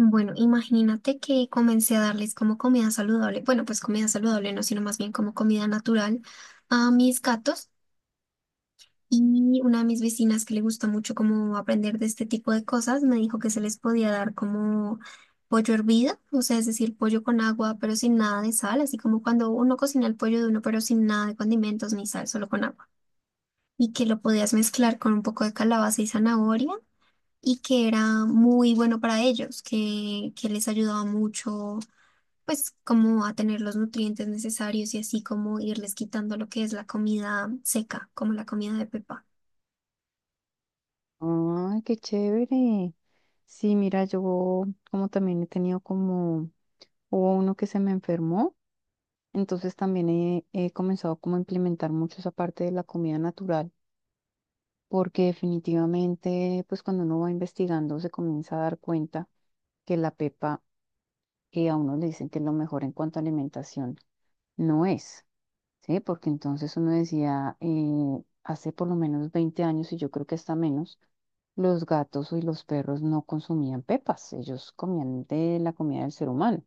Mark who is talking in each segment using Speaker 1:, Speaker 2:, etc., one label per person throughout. Speaker 1: Bueno, imagínate que comencé a darles como comida saludable, bueno, pues comida saludable no, sino más bien como comida natural a mis gatos y una de mis vecinas que le gusta mucho como aprender de este tipo de cosas me dijo que se les podía dar como pollo hervido, o sea, es decir, pollo con agua pero sin nada de sal, así como cuando uno cocina el pollo de uno pero sin nada de condimentos ni sal, solo con agua, y que lo podías mezclar con un poco de calabaza y zanahoria, y que era muy bueno para ellos, que les ayudaba mucho pues como a tener los nutrientes necesarios y así como irles quitando lo que es la comida seca, como la comida de pepa,
Speaker 2: Ay, qué chévere. Sí, mira, yo como también he tenido como, hubo uno que se me enfermó, entonces también he comenzado como a implementar mucho esa parte de la comida natural, porque definitivamente, pues cuando uno va investigando se comienza a dar cuenta que la pepa, que a uno le dicen que es lo mejor en cuanto a alimentación, no es. Sí, porque entonces uno decía, hace por lo menos 20 años, y yo creo que hasta menos, los gatos y los perros no consumían pepas, ellos comían de la comida del ser humano.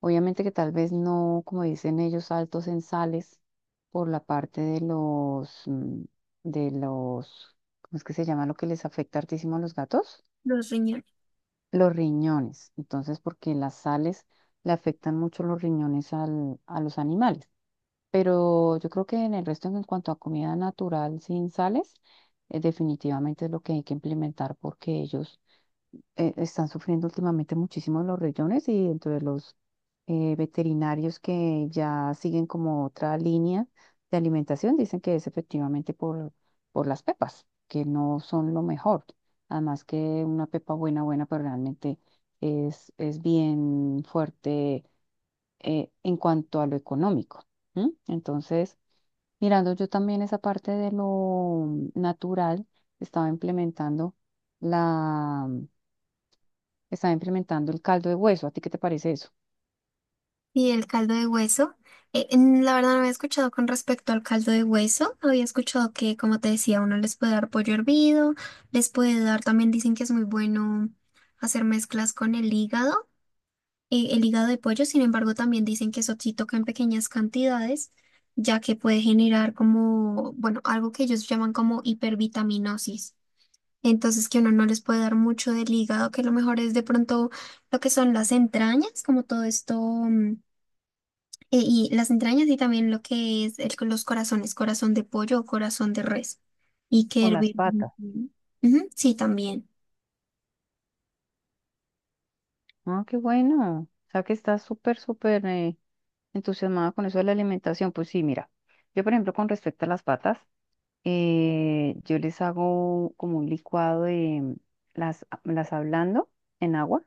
Speaker 2: Obviamente que tal vez no, como dicen ellos, altos en sales por la parte de los, de los, ¿cómo es que se llama lo que les afecta hartísimo a los gatos?
Speaker 1: los riñones.
Speaker 2: Los riñones. Entonces, porque las sales le afectan mucho los riñones al- a los animales. Pero yo creo que en el resto, en cuanto a comida natural sin sales, definitivamente es lo que hay que implementar porque ellos están sufriendo últimamente muchísimo los riñones y entre los veterinarios que ya siguen como otra línea de alimentación, dicen que es efectivamente por las pepas, que no son lo mejor. Además que una pepa buena, buena, pero realmente es bien fuerte en cuanto a lo económico. ¿M? Entonces... Mirando yo también esa parte de lo natural, estaba implementando la, estaba implementando el caldo de hueso. ¿A ti qué te parece eso?
Speaker 1: Y el caldo de hueso, la verdad no había escuchado con respecto al caldo de hueso, había escuchado que, como te decía, uno les puede dar pollo hervido, les puede dar, también dicen que es muy bueno hacer mezclas con el hígado de pollo, sin embargo, también dicen que eso sí toca en pequeñas cantidades ya que puede generar como, bueno, algo que ellos llaman como hipervitaminosis. Entonces que uno no les puede dar mucho del hígado, que lo mejor es de pronto lo que son las entrañas, como todo esto, y las entrañas y también lo que es los corazones, corazón de pollo o corazón de res, y que
Speaker 2: O las
Speaker 1: hervir.
Speaker 2: patas.
Speaker 1: Ujú, sí, también.
Speaker 2: Ah, qué bueno. O sea que estás súper, súper entusiasmada con eso de la alimentación. Pues sí, mira, yo por ejemplo con respecto a las patas, yo les hago como un licuado de las ablando en agua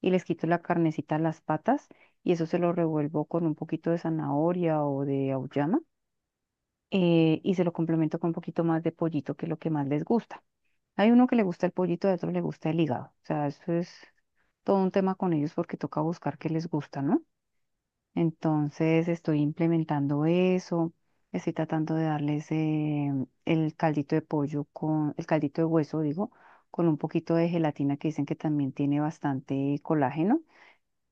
Speaker 2: y les quito la carnecita a las patas y eso se lo revuelvo con un poquito de zanahoria o de auyama y se lo complemento con un poquito más de pollito, que es lo que más les gusta. Hay uno que le gusta el pollito, hay otro le gusta el hígado. O sea, eso es todo un tema con ellos porque toca buscar qué les gusta, ¿no? Entonces estoy implementando eso, estoy tratando de darles el caldito de hueso, digo, con un poquito de gelatina que dicen que también tiene bastante colágeno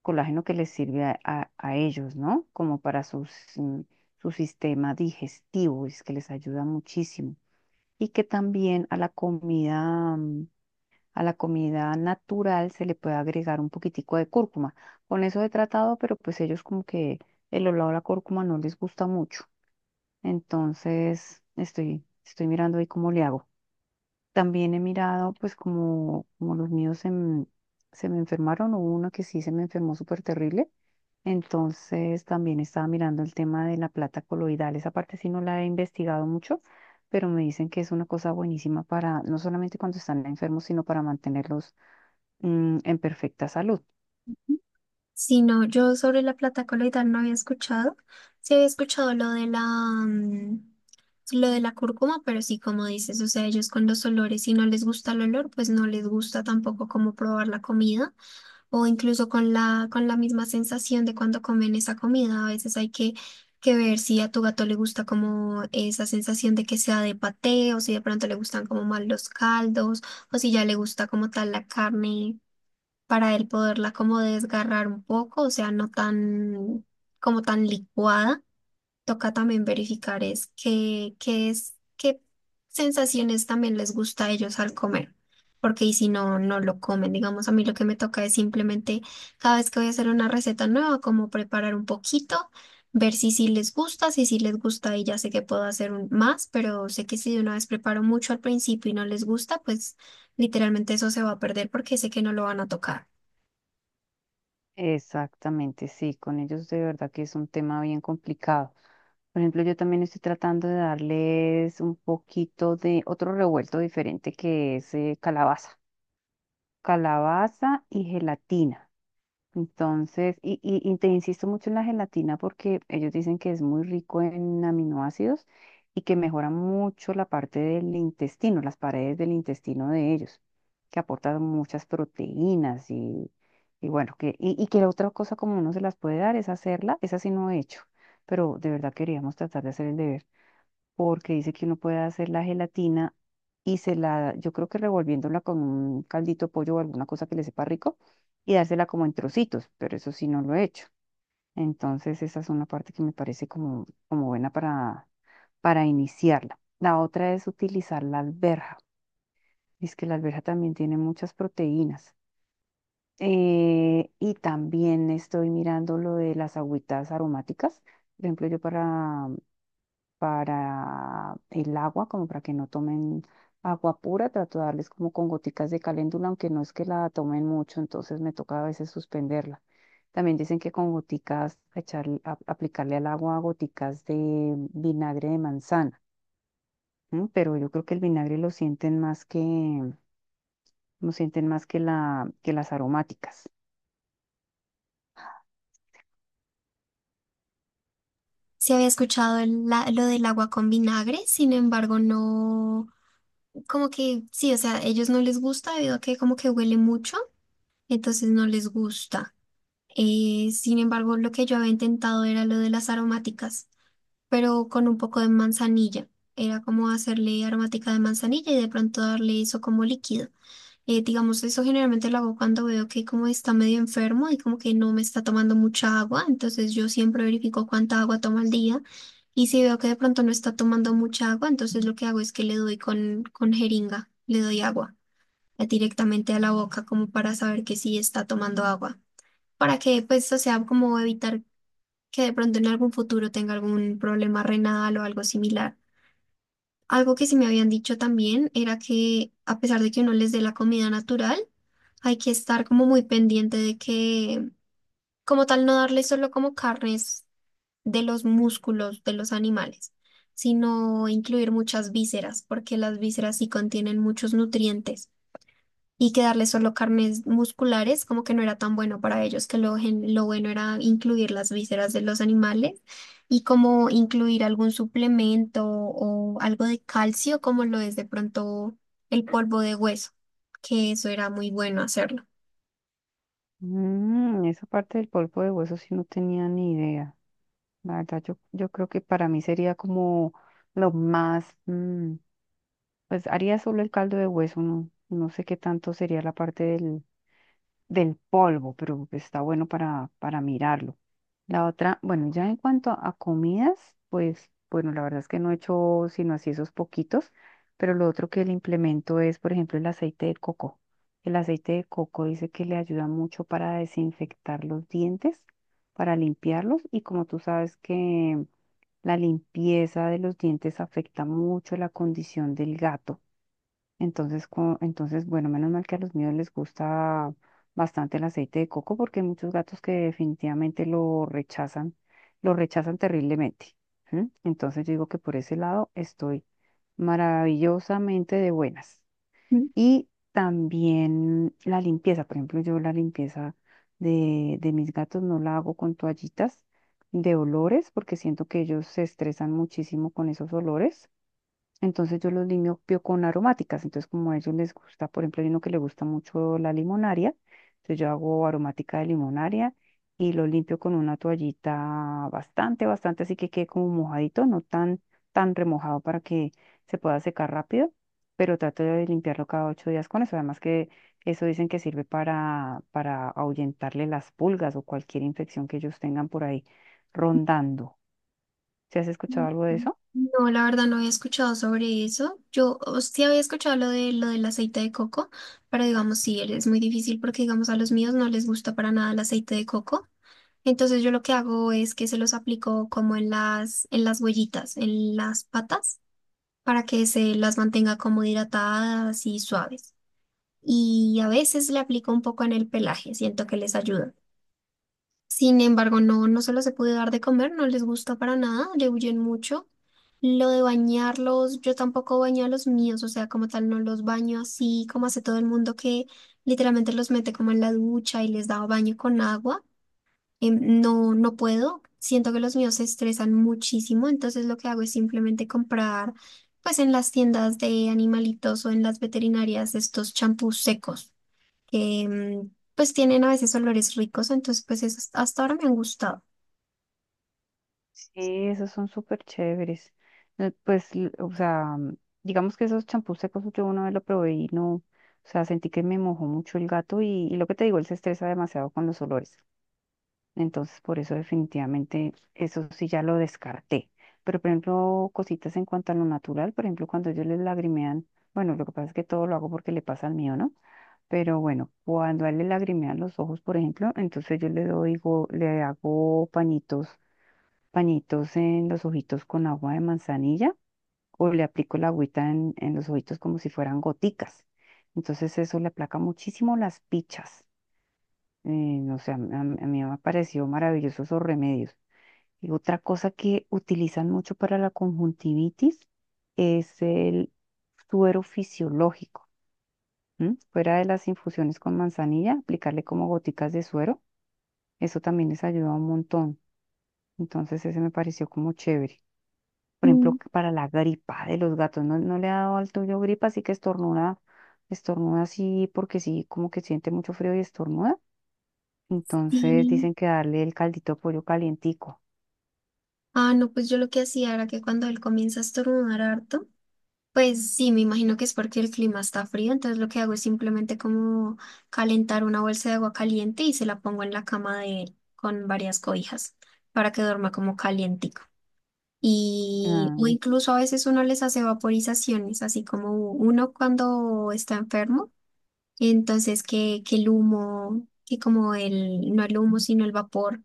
Speaker 2: que les sirve a ellos, ¿no? Como para sus, mm, su sistema digestivo, es que les ayuda muchísimo. Y que también a la comida, a la comida natural se le puede agregar un poquitico de cúrcuma. Con eso he tratado, pero pues ellos como que el olor a la cúrcuma no les gusta mucho. Entonces, estoy mirando ahí cómo le hago. También he mirado, pues como, como los míos se me enfermaron, hubo uno que sí se me enfermó súper terrible. Entonces también estaba mirando el tema de la plata coloidal. Esa parte sí no la he investigado mucho, pero me dicen que es una cosa buenísima para, no solamente cuando están enfermos, sino para mantenerlos en perfecta salud.
Speaker 1: Si no, yo sobre la plata coloidal no había escuchado. Sí había escuchado lo de la, lo de la cúrcuma, pero sí, como dices, o sea, ellos con los olores, si no les gusta el olor, pues no les gusta tampoco como probar la comida, o incluso con la misma sensación de cuando comen esa comida. A veces hay que ver si a tu gato le gusta como esa sensación de que sea de paté o si de pronto le gustan como más los caldos o si ya le gusta como tal la carne para él poderla como desgarrar un poco, o sea, no tan como tan licuada. Toca también verificar es qué, qué es, qué sensaciones también les gusta a ellos al comer. Porque y si no, no lo comen. Digamos, a mí lo que me toca es simplemente cada vez que voy a hacer una receta nueva, como preparar un poquito, ver si sí les gusta, si sí les gusta y ya sé que puedo hacer un, más, pero sé que si de una vez preparo mucho al principio y no les gusta, pues literalmente eso se va a perder porque sé que no lo van a tocar.
Speaker 2: Exactamente, sí, con ellos de verdad que es un tema bien complicado. Por ejemplo, yo también estoy tratando de darles un poquito de otro revuelto diferente que es calabaza y gelatina. Entonces, y te insisto mucho en la gelatina porque ellos dicen que es muy rico en aminoácidos y que mejora mucho la parte del intestino, las paredes del intestino de ellos, que aportan muchas proteínas y bueno, y que la otra cosa como uno se las puede dar es hacerla, esa sí no he hecho, pero de verdad queríamos tratar de hacer el deber porque dice que uno puede hacer la gelatina y yo creo que revolviéndola con un caldito de pollo o alguna cosa que le sepa rico y dársela como en trocitos, pero eso sí no lo he hecho. Entonces esa es una parte que me parece como buena para, iniciarla. La otra es utilizar la alberja. Es que la alberja también tiene muchas proteínas. Y también estoy mirando lo de las agüitas aromáticas. Por ejemplo, yo para el agua, como para que no tomen agua pura, trato de darles como con goticas de caléndula, aunque no es que la tomen mucho, entonces me toca a veces suspenderla. También dicen que con goticas, aplicarle al agua goticas de vinagre de manzana, ¿m? Pero yo creo que el vinagre lo sienten lo sienten más que que las aromáticas.
Speaker 1: Se había escuchado el lo del agua con vinagre, sin embargo, no, como que sí, o sea, ellos no les gusta debido a que como que huele mucho, entonces no les gusta. Sin embargo, lo que yo había intentado era lo de las aromáticas, pero con un poco de manzanilla. Era como hacerle aromática de manzanilla y de pronto darle eso como líquido. Digamos, eso generalmente lo hago cuando veo que como está medio enfermo y como que no me está tomando mucha agua, entonces yo siempre verifico cuánta agua toma al día y si veo que de pronto no está tomando mucha agua, entonces lo que hago es que le doy con jeringa, le doy agua directamente a la boca como para saber que sí está tomando agua, para que pues, o sea, como evitar que de pronto en algún futuro tenga algún problema renal o algo similar. Algo que sí me habían dicho también era que a pesar de que uno les dé la comida natural, hay que estar como muy pendiente de que, como tal, no darles solo como carnes de los músculos de los animales, sino incluir muchas vísceras, porque las vísceras sí contienen muchos nutrientes y que darles solo carnes musculares como que no era tan bueno para ellos, que lo bueno era incluir las vísceras de los animales y como incluir algún suplemento o algo de calcio como lo es de pronto el polvo de hueso, que eso era muy bueno hacerlo.
Speaker 2: Mm, esa parte del polvo de hueso sí no tenía ni idea. La verdad, yo creo que para mí sería como lo más, pues haría solo el caldo de hueso, no, no sé qué tanto sería la parte del polvo, pero está bueno para, mirarlo. La otra, bueno, ya en cuanto a comidas, pues bueno, la verdad es que no he hecho sino así esos poquitos, pero lo otro que le implemento es, por ejemplo, el aceite de coco. El aceite de coco dice que le ayuda mucho para desinfectar los dientes, para limpiarlos y como tú sabes que la limpieza de los dientes afecta mucho la condición del gato. Entonces, entonces, bueno, menos mal que a los míos les gusta bastante el aceite de coco porque hay muchos gatos que definitivamente lo rechazan terriblemente. ¿Sí? Entonces, yo digo que por ese lado estoy maravillosamente de buenas.
Speaker 1: Mm,
Speaker 2: Y también la limpieza, por ejemplo, yo la limpieza de mis gatos no la hago con toallitas de olores porque siento que ellos se estresan muchísimo con esos olores. Entonces yo los limpio con aromáticas. Entonces como a ellos les gusta, por ejemplo, hay uno que le gusta mucho la limonaria. Entonces yo hago aromática de limonaria y lo limpio con una toallita bastante, bastante, así que quede como mojadito, no tan, tan remojado para que se pueda secar rápido, pero trato de limpiarlo cada 8 días con eso. Además que eso dicen que sirve para, ahuyentarle las pulgas o cualquier infección que ellos tengan por ahí rondando. ¿Se has escuchado algo de
Speaker 1: mm.
Speaker 2: eso?
Speaker 1: No, la verdad no había escuchado sobre eso. Sí había escuchado lo de lo del aceite de coco, pero digamos sí, es muy difícil porque digamos a los míos no les gusta para nada el aceite de coco. Entonces yo lo que hago es que se los aplico como en en las huellitas, en las patas, para que se las mantenga como hidratadas y suaves. Y a veces le aplico un poco en el pelaje, siento que les ayuda. Sin embargo, no se los he podido dar de comer, no les gusta para nada, le huyen mucho. Lo de bañarlos, yo tampoco baño a los míos, o sea, como tal, no los baño así como hace todo el mundo que literalmente los mete como en la ducha y les da baño con agua. No, no puedo. Siento que los míos se estresan muchísimo, entonces lo que hago es simplemente comprar, pues en las tiendas de animalitos o en las veterinarias estos champús secos que pues tienen a veces olores ricos, entonces pues esos hasta ahora me han gustado.
Speaker 2: Sí, esos son súper chéveres. Pues, o sea, digamos que esos champús secos yo una vez lo probé y no, o sea, sentí que me mojó mucho el gato y lo que te digo, él se estresa demasiado con los olores. Entonces, por eso definitivamente eso sí ya lo descarté. Pero, por ejemplo, cositas en cuanto a lo natural, por ejemplo, cuando ellos les lagrimean, bueno, lo que pasa es que todo lo hago porque le pasa al mío, ¿no? Pero bueno, cuando a él le lagrimean los ojos, por ejemplo, entonces yo le hago pañitos en los ojitos con agua de manzanilla o le aplico la agüita en los ojitos como si fueran goticas. Entonces eso le aplaca muchísimo las pichas. O sea, a mí me pareció maravilloso esos remedios. Y otra cosa que utilizan mucho para la conjuntivitis es el suero fisiológico. ¿M? Fuera de las infusiones con manzanilla, aplicarle como goticas de suero. Eso también les ayuda un montón. Entonces ese me pareció como chévere. Por ejemplo,
Speaker 1: Mm,
Speaker 2: que para la gripa de los gatos, ¿no, no le ha dado al tuyo gripa? Así que estornuda, así porque sí, como que siente mucho frío y estornuda. Entonces
Speaker 1: Y,
Speaker 2: dicen que darle el caldito de pollo calientico.
Speaker 1: ah, no, pues yo lo que hacía era que cuando él comienza a estornudar harto. Pues sí, me imagino que es porque el clima está frío, entonces lo que hago es simplemente como calentar una bolsa de agua caliente y se la pongo en la cama de él con varias cobijas para que duerma como calientico. Y o
Speaker 2: Ah,
Speaker 1: incluso a veces uno les hace vaporizaciones, así como uno cuando está enfermo. Entonces, que el humo, que como el, no el humo, sino el vapor,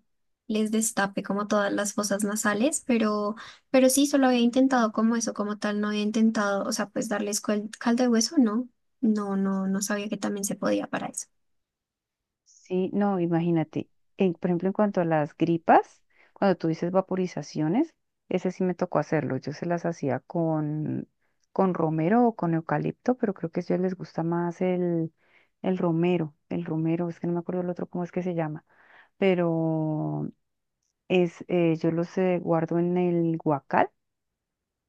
Speaker 1: les destape como todas las fosas nasales, pero sí, solo había intentado como eso, como tal, no había intentado, o sea, pues darles caldo de hueso, no sabía que también se podía para eso.
Speaker 2: sí, no, imagínate. Por ejemplo, en cuanto a las gripas, cuando tú dices vaporizaciones, ese sí me tocó hacerlo. Yo se las hacía con romero o con eucalipto, pero creo que a ellos les gusta más el romero. El romero, es que no me acuerdo el otro cómo es que se llama. Pero yo los guardo en el guacal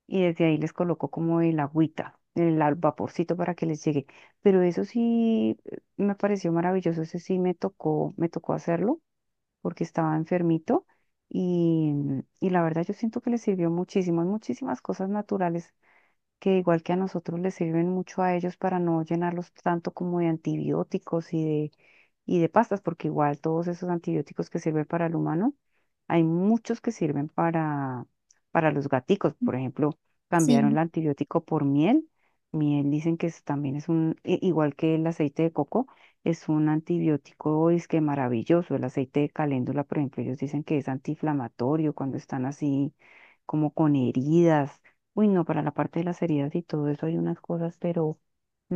Speaker 2: y desde ahí les coloco como el agüita, el al vaporcito para que les llegue. Pero eso sí me pareció maravilloso, ese sí me tocó hacerlo porque estaba enfermito y, y la verdad yo siento que les sirvió muchísimo. Hay muchísimas cosas naturales que igual que a nosotros les sirven mucho a ellos para no llenarlos tanto como de antibióticos y de pastas, porque igual todos esos antibióticos que sirven para el humano, hay muchos que sirven para, los gaticos. Por ejemplo, cambiaron el
Speaker 1: Sí,
Speaker 2: antibiótico por miel. Miel dicen que también es igual que el aceite de coco, es un antibiótico es que maravilloso. El aceite de caléndula, por ejemplo, ellos dicen que es antiinflamatorio cuando están así como con heridas. Uy, no, para la parte de las heridas y todo eso hay unas cosas, pero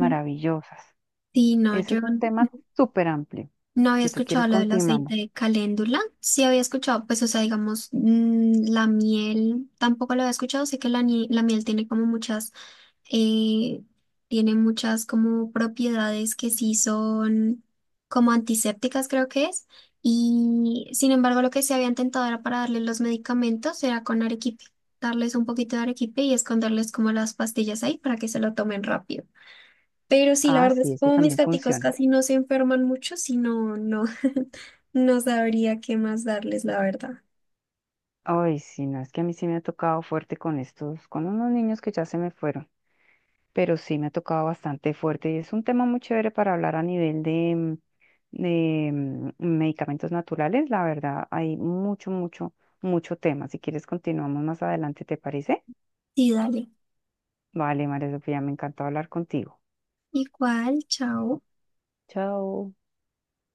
Speaker 1: mm, sí, no,
Speaker 2: Ese
Speaker 1: yo
Speaker 2: es un tema súper amplio.
Speaker 1: no había
Speaker 2: Si tú quieres,
Speaker 1: escuchado lo del
Speaker 2: continuamos.
Speaker 1: aceite de caléndula. Sí había escuchado, pues, o sea, digamos, la miel tampoco lo había escuchado. Sé que la miel tiene como muchas, eh, tiene muchas como propiedades que sí son como antisépticas, creo que es. Y sin embargo, lo que se había intentado era para darles los medicamentos, era con arequipe, darles un poquito de arequipe y esconderles como las pastillas ahí para que se lo tomen rápido. Pero sí, la
Speaker 2: Ah,
Speaker 1: verdad
Speaker 2: sí,
Speaker 1: es que
Speaker 2: ese
Speaker 1: como mis
Speaker 2: también
Speaker 1: gaticos
Speaker 2: funciona.
Speaker 1: casi no se enferman mucho, si no, no, no sabría qué más darles, la verdad.
Speaker 2: Ay, sí, no, es que a mí sí me ha tocado fuerte con estos, con unos niños que ya se me fueron, pero sí me ha tocado bastante fuerte y es un tema muy chévere para hablar a nivel de, medicamentos naturales. La verdad, hay mucho, mucho, mucho tema. Si quieres, continuamos más adelante, ¿te parece?
Speaker 1: Sí, dale.
Speaker 2: Vale, María Sofía, me encantó hablar contigo.
Speaker 1: Igual, chao.
Speaker 2: Chao.